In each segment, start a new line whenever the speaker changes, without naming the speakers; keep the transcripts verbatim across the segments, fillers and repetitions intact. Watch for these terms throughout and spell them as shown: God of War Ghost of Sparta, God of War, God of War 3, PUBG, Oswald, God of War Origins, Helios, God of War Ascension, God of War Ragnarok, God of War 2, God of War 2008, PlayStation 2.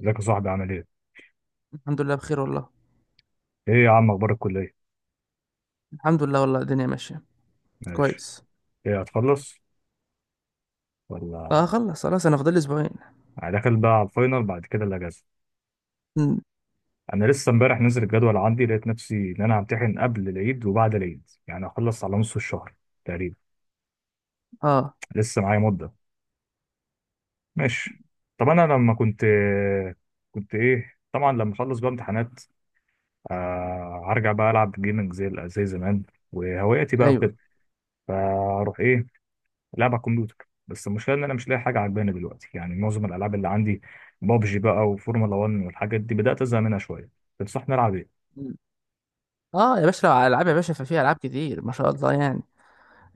ازيك يا صاحبي عامل ايه؟
الحمد لله بخير والله.
ايه يا عم اخبار الكلية؟
الحمد لله والله، الدنيا ماشية
ماشي.
كويس.
ايه هتخلص؟
لا،
ولا
هخلص خلاص، انا فاضل لي اسبوعين.
هدخل بقى على الفاينل بعد كده الاجازة؟
مم.
انا لسه امبارح نزل الجدول عندي، لقيت نفسي ان انا همتحن قبل العيد وبعد العيد، يعني هخلص على نص الشهر تقريبا.
اه.
لسه معايا مدة. ماشي. طب انا لما كنت كنت ايه، طبعا لما اخلص بقى امتحانات آه هرجع بقى العب جيمنج زي زي زمان، وهواياتي بقى
ايوه.
وكده. فاروح ايه، لعب على الكمبيوتر، بس المشكله ان انا مش لاقي حاجه عجباني دلوقتي، يعني معظم الالعاب اللي عندي بابجي بقى وفورمولا واحد والحاجات دي بدات ازهق منها شويه. تنصحني العب ايه؟
مم. اه يا باشا، لو على العاب يا باشا ففي العاب كتير ما شاء الله يعني.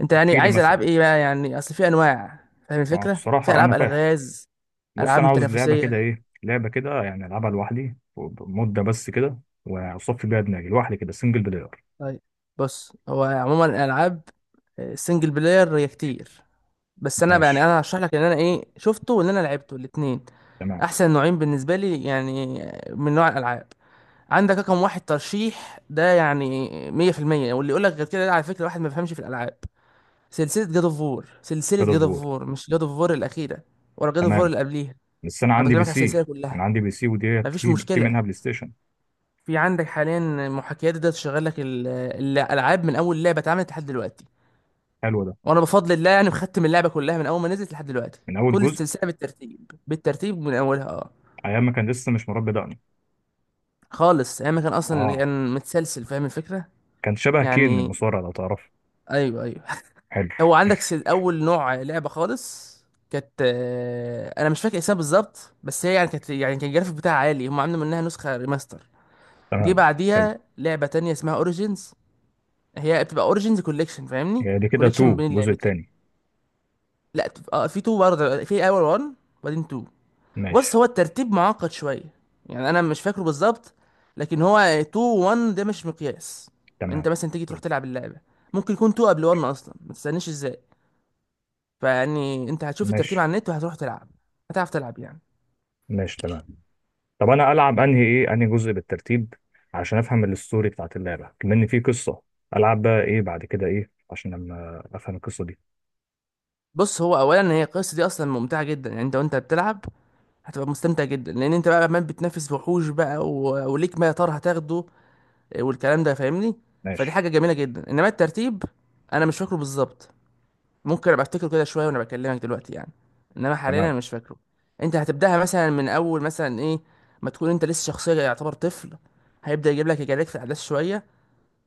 انت يعني
احكي لي
عايز العاب
مثلا.
ايه بقى؟ يعني اصل في انواع. فاهم
ما هو
الفكرة؟ في
بصراحه
العاب
انا فاهم.
الغاز.
بص انا
العاب
عاوز لعبه كده
تنافسية.
ايه، لعبه كده يعني العبها لوحدي. مده بس كده. واصفي بيها دماغي لوحدي كده، سنجل بلاير.
طيب. بص، هو عموما الالعاب السنجل بلاير هي كتير. بس انا بقى- يعني
ماشي
انا هشرح لك ان انا ايه شفته وان انا لعبته الاتنين.
تمام.
احسن نوعين بالنسبة لي يعني آه، من نوع الالعاب. عندك رقم واحد ترشيح ده يعني مية في المية. واللي يقول لك غير كده ده على فكرة واحد ما بيفهمش في الألعاب. سلسلة جاد اوف وور سلسلة
جاد اوف
جاد اوف
وور.
وور، مش جاد اوف وور الأخيرة. ولا جاد اوف وور
تمام،
اللي قبليها.
بس انا
أنا
عندي
بكلمك
بي
على السلسلة
سي. انا
كلها.
عندي بي سي وديت
مفيش
في في
مشكلة.
منها بلاي ستيشن.
في عندك حاليا محاكيات ده تشغل لك ال- الألعاب من أول لعبة اتعملت لحد دلوقتي.
حلو ده.
وأنا بفضل الله يعني مختم اللعبة كلها من أول ما نزلت لحد دلوقتي.
من اول
كل
جزء.
السلسلة بالترتيب بالترتيب من أولها أه.
ايام ما كان لسه مش مربي دقني.
خالص أيام ما كان، أصلا
اه.
كان متسلسل، فاهم الفكرة.
كان شبه كين
يعني
المصارع لو تعرفه.
أيوه أيوه.
حلو،
هو عندك س- اول نوع لعبه خالص. كانت آه، انا مش فاكر اسمها بالظبط، بس هي يعني كانت يعني كان الجرافيك بتاعها عالي، هم عاملين منها نسخه ريماستر. جه
تمام حلو.
بعديها لعبه تانية اسمها اوريجينز. هي بتبقى اوريجينز كوليكشن، فاهمني؟
يعني دي كده
كوليكشن
اتنين،
بين
الجزء
اللعبتين.
التاني.
لا تبقى- اه، في تو برضه، في اول واحد وبعدين اتنين. بص،
ماشي
هو الترتيب معقد شويه. يعني انا مش فاكره بالظبط. لكن هو اتنين واحد ده مش مقياس.
تمام
انت مثلا تيجي تروح
حلو.
تلعب اللعبه. ممكن يكون اتنين قبل واحد اصلا، ما تستناش ازاي. فيعني انت هتشوف الترتيب
ماشي
على النت وهتروح تلعب. هتعرف تلعب يعني.
ماشي تمام. طب انا العب انهي ايه، انهي جزء بالترتيب عشان افهم الستوري بتاعت اللعبه، بما ان في قصه؟ العب بقى ايه بعد كده، ايه عشان لما افهم القصه دي؟
بص، هو اولا هي القصه دي اصلا ممتعه جدا، يعني انت وانت بتلعب هتبقى مستمتع جدا، لان انت بقى عمال بتنافس وحوش بقى و... وليك ما يا ترى هتاخده. اه، والكلام ده فاهمني؟ فدي
ماشي
حاجه جميله جدا، انما الترتيب انا مش فاكره بالظبط. ممكن ابقى افتكره كده شويه وانا بكلمك دلوقتي يعني، انما حاليا انا
تمام.
مش فاكره. انت هتبداها مثلا من اول مثلا ايه، ما تكون انت لسه شخصيه يعتبر طفل. هيبدا يجيب لك يجاريك في الاحداث شويه،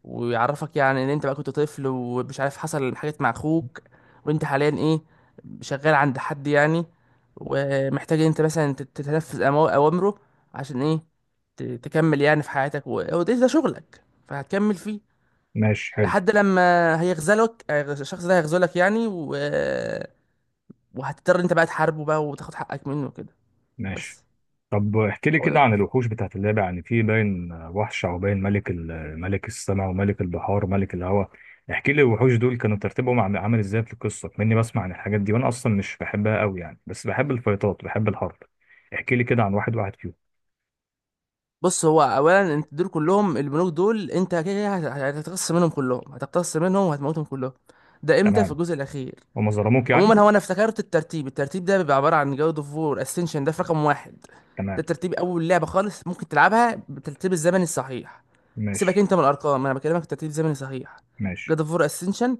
ويعرفك يعني ان انت بقى كنت طفل ومش عارف حصل حاجات مع اخوك. وانت حاليا ايه؟ شغال عند حد يعني، ومحتاج ان انت مثلا تت- تتنفذ أمو- اوامره. عشان ايه؟ ت- تكمل يعني في حياتك، و- وده ده شغلك فهتكمل فيه.
ماشي حلو.
لحد لما هيغزلك، هيغز- الشخص ده هيغزلك يعني و... وهتضطر انت بقى تحاربه بقى وتاخد حقك منه كده.
ماشي.
بس.
طب احكي لي كده عن الوحوش بتاعت اللعبة، يعني في باين وحش او باين ملك ال- ملك السماء وملك البحار وملك الهواء. احكي لي الوحوش دول كانوا ترتيبهم عم- عامل ازاي في القصة، مني بسمع عن الحاجات دي وانا اصلا مش بحبها قوي يعني، بس بحب الفيطات بحب الحرب. احكي لي كده عن واحد واحد فيهم.
بص، هو اولا انت دول كلهم، البنوك دول انت كده كده هت- هتقتص منهم كلهم، هتقتص منهم وهتموتهم كلهم. ده امتى؟ في
تمام.
الجزء الاخير.
هما ظلموك يعني.
عموما هو انا افتكرت الترتيب الترتيب ده بيبقى عباره عن جود اوف وور اسنشن، ده في رقم واحد. ده
تمام
ترتيب اول لعبه خالص ممكن تلعبها بالترتيب الزمني الصحيح. سيبك
ماشي.
انت من الارقام، انا بكلمك الترتيب الزمني الصحيح.
ماشي
جود اوف وور اسنشن.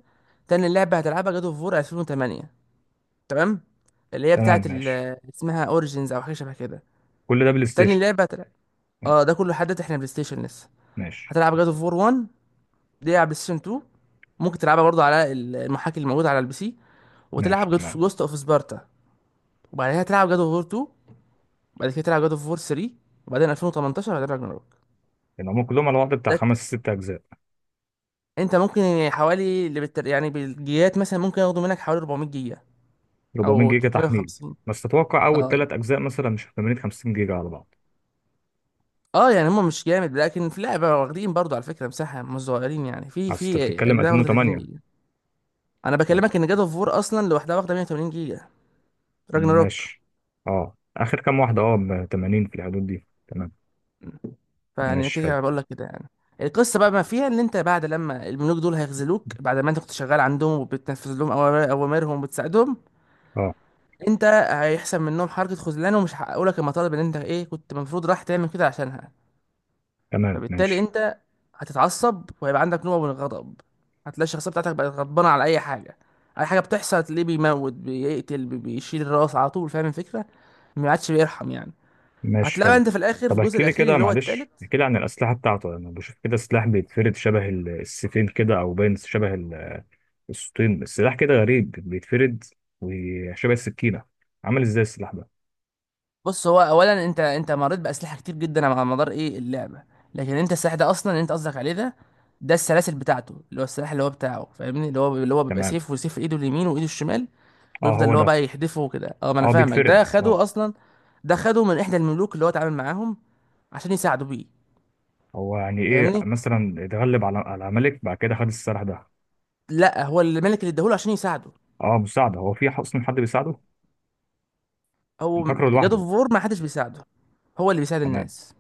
تاني لعبه هتلعبها جود اوف وور الفين وتمانية. تمام. اللي هي
تمام.
بتاعت
ماشي.
ال- اسمها اوريجينز او حاجه شبه كده.
كل ده بلاي
تاني
ستيشن؟
لعبه هتلعب. اه، ده كله حدث احنا بلاي ستيشن لسه.
ماشي.
هتلعب جاد اوف وور واحد. دي على بلاي ستيشن اتنين. ممكن تلعبها برضو على ال- المحاكي الموجوده على البي سي.
ماشي
وتلعب جاد اوف
تمام.
جوست اوف سبارتا. وبعدها تلعب جاد اوف وور اتنين. وبعد كده تلعب جاد اوف وور تلاتة. وبعدين الفين وتمنتاشر هتلعب راجناروك.
يعني هم كلهم على بعض بتاع
ده
خمس ست اجزاء.
انت ممكن يعني حوالي اللي بالتر... يعني بالجيجات مثلا ممكن ياخدوا منك حوالي اربعميه جيجا
أربعمائة
او
جيجا تحميل؟
تلتميه وخمسين.
بس تتوقع اول
اه.
ثلاث اجزاء مثلا، مش تمانين خمسين جيجا على بعض؟
اه، يعني هم مش جامد لكن في لعبه واخدين برضو على فكره مساحه مش صغيرين، يعني في
اصل انت
في
بتتكلم
اجزاء واخده تلاتين
ألفين وتمانية.
جيجا. انا بكلمك ان جاد اوف وور اصلا لوحدها واخده مية وثمانين جيجا. راجناروك.
ماشي. اه اخر كام واحده، اه ب تمانين في الحدود دي، تمام.
فيعني
ماشي
كده
حلو.
كده بقول لك كده يعني. القصه بقى ما فيها ان انت بعد لما الملوك دول هيخذلوك، بعد ما انت كنت شغال عندهم وبتنفذ لهم أوامر- اوامرهم وبتساعدهم.
اه
انت هيحصل منهم حركه خذلان، ومش هيحققوا لك المطالب اللي انت ايه كنت المفروض راح تعمل كده عشانها.
تمام.
فبالتالي
ماشي.
انت هتتعصب، وهيبقى عندك نوع من الغضب. هتلاقي الشخصيه بتاعتك بقت غضبانه على اي حاجه. اي حاجه بتحصل تلاقيه بيموت بيقتل بي- بيشيل الراس على طول، فاهم الفكره؟ ما عادش بيرحم يعني.
ماشي
هتلاقي بقى
حلو.
انت في الاخر في
طب
الجزء
احكي لي
الاخير
كده،
اللي هو التالت.
معلش احكي لي عن الاسلحه بتاعته، انا بشوف كده سلاح بيتفرد شبه ال- السيفين كده، او باين شبه ال- السطين، السلاح كده غريب بيتفرد، وشبه السكينه. عامل ازاي السلاح ده؟
بص، هو اولا انت انت مريت باسلحه كتير جدا على مدار ايه اللعبه. لكن انت السلاح ده اصلا اللي انت قصدك عليه ده، ده السلاسل بتاعته، اللي هو السلاح اللي هو بتاعه فاهمني، اللي هو اللي هو بيبقى
تمام.
سيف وسيف في ايده اليمين وايده الشمال.
اه
بيفضل
هو
اللي هو
ده.
بقى يحدفه كده. اه، ما انا
اه
فاهمك،
بيتفرد
ده
اه.
خده اصلا. ده خده من احدى الملوك اللي هو اتعامل معاهم عشان يساعده بيه.
هو يعني ايه
فاهمني؟
مثلا، اتغلب على على ملك بعد كده خد السلاح ده؟
لا، هو الملك اللي اداهوله عشان يساعده.
اه مساعده، هو في اصلا حد بيساعده؟ انا
هو.
فاكره
جاد
لوحده.
اوف وور ما حدش بيساعده. هو اللي بيساعد
تمام
الناس.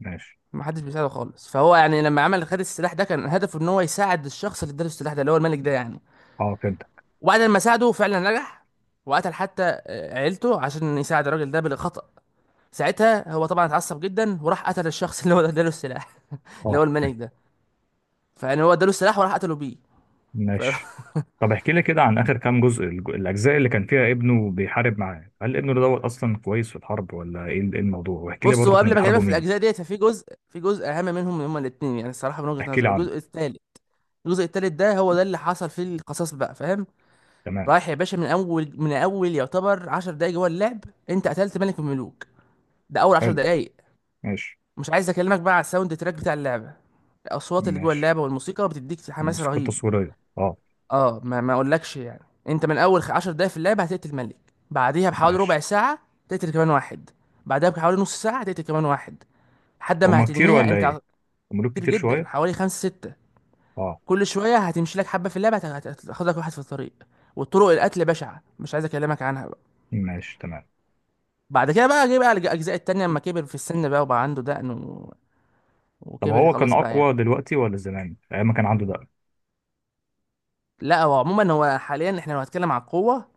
ماشي.
ما حدش بيساعده خالص، فهو يعني لما عمل خد السلاح ده كان هدفه ان هو يساعد الشخص اللي اداله السلاح ده اللي هو الملك ده يعني.
اه فهمت.
وبعد ما ساعده فعلا نجح. وقتل حتى آه، عيلته عشان يساعد الراجل ده بالخطأ. ساعتها هو طبعا اتعصب جدا وراح قتل الشخص اللي هو اداله السلاح، اللي
اه.
هو الملك ده. فيعني هو اداله السلاح وراح قتله بيه. ف-
ماشي. طب احكي لي كده عن اخر كام جزء، الج- الاجزاء اللي كان فيها ابنه بيحارب معاه، هل ابنه ده دوت اصلا كويس في الحرب ولا ايه ال- إيه الموضوع، واحكي لي
بص،
برضه
هو
كانوا
قبل ما اكلمك
بيحاربوا
في
مين؟
الاجزاء ديت، ففي جزء في جزء اهم منهم هما الاثنين يعني، الصراحه من وجهه
احكي لي
نظري
عنه.
الجزء الثالث. الجزء الثالث ده هو ده اللي حصل فيه القصاص بقى، فاهم؟
تمام
رايح يا باشا، من اول من اول يعتبر عشر دقايق جوه اللعب. انت قتلت ملك من الملوك. ده اول عشر
حلو.
دقايق.
ماشي.
مش عايز اكلمك بقى على الساوند تراك بتاع اللعبه. الاصوات اللي جوه
ماشي.
اللعبه والموسيقى بتديك حماس
الموسيقى
رهيب.
التصويريه اه.
اه، ما ما اقولكش يعني. انت من اول خ- عشر دقايق في اللعبه هتقتل ملك. بعديها بحوالي ربع
ماشي.
ساعه تقتل كمان واحد. بعدها بحوالي نص ساعه هتقتل كمان واحد. لحد ما
هما كتير
هتنهيها
ولا
انت ع-
ايه، ملوك
كتير
كتير
جدا،
شويه؟
حوالي خمسة ستة.
اه.
كل شويه هتمشي لك حبه في اللعبه هت- هت- هتاخد لك واحد في الطريق. والطرق القتل بشعه، مش عايز اكلمك عنها بقى.
ماشي تمام.
بعد كده بقى جه بقى الج- الاجزاء التانية لما كبر في السن بقى، وبقى عنده دقن و...
طب
وكبر
هو كان
خلاص بقى يعني.
اقوى دلوقتي ولا زمان ايام ما كان عنده ده؟
لا، هو عموما هو حاليا احنا لو هنتكلم على القوه،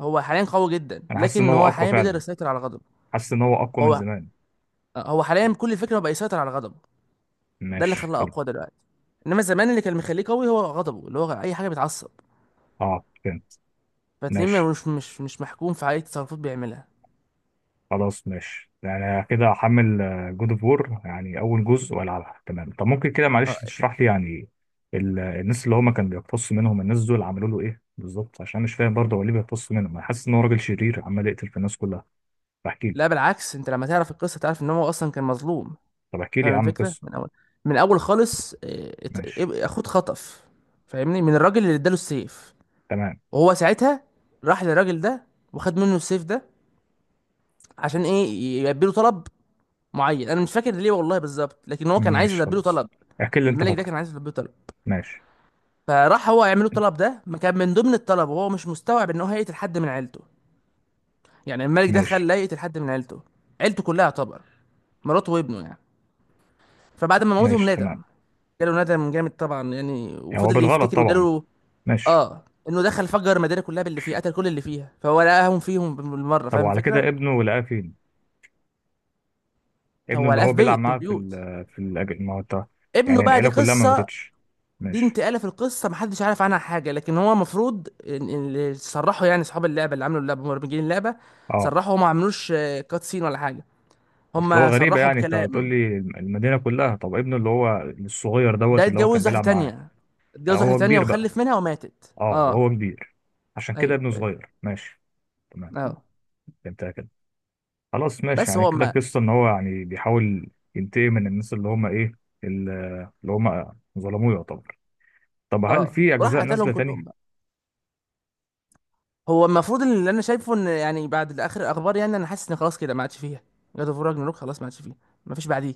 هو حاليا قوي جدا،
انا حاسس ان
لكن
هو
هو
اقوى
حاليا بيقدر
فعلا.
يسيطر على غضبه.
حاسس ان هو اقوى من
هو
زمان.
هو حاليا كل الفكره هو بقى يسيطر على غضبه. ده اللي
ماشي
خلاه
حلو.
اقوى دلوقتي. انما زمان اللي كان مخليه قوي هو غضبه، اللي هو اي حاجه بيتعصب،
اه فهمت.
فتلاقيه
ماشي.
مش مش مش محكوم في اي تصرفات بيعملها.
خلاص ماشي، يعني كده هحمل جود اوف وور يعني اول جزء والعبها، تمام. طب ممكن كده
اه.
معلش تشرح لي يعني ال- الناس اللي هما كان بيقتص منهم، الناس دول عملوا له ايه بالظبط، عشان مش فاهم برضه هو ليه بيقتص منهم، انا حاسس ان هو راجل شرير عمال يقتل في الناس كلها. بحكي له.
لا، بالعكس، انت لما تعرف القصه تعرف ان هو اصلا كان مظلوم.
طب احكي لي يا
فاهم
عم
الفكره؟
قصه.
من اول، من اول خالص، اه، ات-
ماشي
اب- اخوه اتخطف. فاهمني؟ من الراجل اللي اداله السيف.
تمام.
وهو ساعتها راح للراجل ده وخد منه السيف ده. عشان ايه؟ يلبي له طلب معين، انا مش فاكر ليه والله بالظبط، لكن هو كان عايز
ماشي
يلبي له
خلاص،
طلب.
احكي اللي انت
الملك ده
فاكره.
كان عايز يلبي له طلب.
ماشي
فراح هو يعمل له الطلب ده، ما كان من ضمن الطلب وهو مش مستوعب ان هو هيقتل حد من عيلته. يعني الملك ده
ماشي
خلاه يقتل حد من عيلته. عيلته كلها يعتبر، مراته وابنه يعني. فبعد ما موتهم
ماشي
ندم.
تمام.
جاله ندم جامد طبعا يعني،
يعني هو
وفضل
بالغلط
يفتكر
طبعا.
وجاله.
ماشي.
اه، انه دخل فجر المدينه كلها باللي فيها، قتل كل اللي فيها، فهو لقاهم فيهم بالمره،
طب
فاهم
وعلى
الفكره؟
كده ابنه لقاه فين، ابنه
هو
اللي
لقاه
هو
في
بيلعب
بيت من
معاه في ال
البيوت.
في الأج- ما هو انت؟
ابنه
يعني
بقى دي
العيلة كلها ما
قصه.
ماتتش؟
دي
ماشي.
انتقاله في القصه محدش عارف عنها حاجه، لكن هو المفروض إن- إن اللي صرحوا يعني اصحاب اللعبه اللي عملوا اللعبه مبرمجين اللعبه،
اه.
صرحوا هم ما عملوش آه، كات سين ولا حاجه.
اصل هو
هم
غريبة
صرحوا
يعني، انت هتقول
بكلام.
لي المدينة كلها، طب ابنه اللي هو الصغير دوت
ده
اللي هو كان
اتجوز واحده
بيلعب معاه؟
تانية
هل
اتجوز واحده
هو
تانية
كبير بقى؟
وخلف منها وماتت.
اه
اه،
وهو كبير، عشان كده
ايوه
ابنه
أيوة.
صغير. ماشي تمام.
اه.
فهمتها كده. خلاص ماشي،
بس
يعني
هو
كده
ما.
قصة ان هو يعني بيحاول ينتقم من الناس اللي هم ايه، ال- اللي هم ظلموه يعتبر. طب هل
اه،
في اجزاء
وراح قتلهم
نازلة
كلهم
تاني؟
بقى. هو المفروض اللي انا شايفه، ان يعني بعد اخر الاخبار يعني، انا حاسس ان خلاص كده ما عادش فيها. جاد اوف راجناروك خلاص ما عادش فيها. ما فيش بعديه.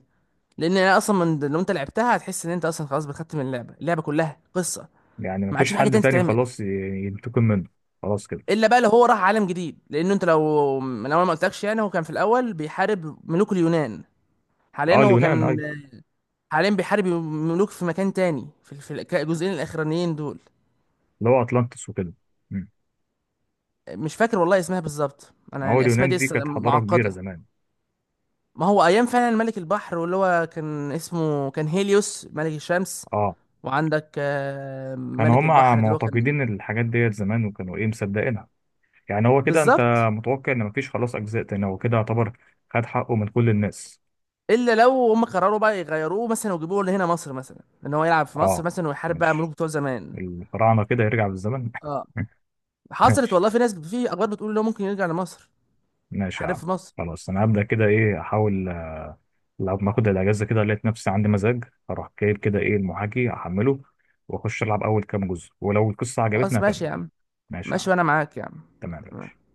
لان انا اصلا من لو انت لعبتها هتحس ان انت اصلا خلاص بتختم اللعبه. اللعبه كلها قصه.
يعني
ما عادش
مفيش
في حاجه
حد
تانية
تاني
تتعمل.
خلاص ي- ينتقم منه؟ خلاص كده.
الا بقى لو هو راح عالم جديد، لانه انت لو من اول ما قلتلكش يعني، هو كان في الاول بيحارب ملوك اليونان.
اه
حاليا هو
اليونان
كان،
ايوه.
حاليا بيحارب ملوك في مكان تاني في في الك- الجزئين الاخرانيين دول.
اللي هو أطلانتس وكده. مم.
مش فاكر والله اسمها بالظبط، انا
ما هو
يعني اسماء
اليونان
دي
دي
لسه
كانت حضارة كبيرة
معقده.
زمان.
ما هو ايام فعلا ملك البحر، واللي هو كان اسمه كان هيليوس ملك الشمس.
اه.
وعندك آه،
كانوا
ملك
هم
البحر اللي هو
معتقدين
كان.
الحاجات ديت زمان، وكانوا ايه مصدقينها. يعني هو كده انت
بالظبط.
متوقع ان مفيش خلاص اجزاء تاني، هو كده يعتبر خد حقه من كل الناس.
الا لو هم قرروا بقى يغيروه مثلا ويجيبوه لهنا مصر مثلا، ان هو يلعب في مصر
اه
مثلا ويحارب بقى ملوك
ماشي.
بتوع زمان.
الفراعنة كده يرجع بالزمن
اه. حصلت
ماشي.
والله، في ناس في اخبار بتقول ان هو ممكن يرجع لمصر
ماشي يا
يحارب
عم.
في مصر.
خلاص انا هبدأ كده ايه احاول، آه، لو ما اخد الاجازة كده لقيت نفسي عندي مزاج اروح جايب كده ايه المحاكي احمله واخش العب اول كام جزء، ولو القصة عجبتني
خلاص، ماشي يا
اكمل.
عم.
ماشي يا
ماشي
عم.
وانا معاك يا عم.
تمام.
تمام.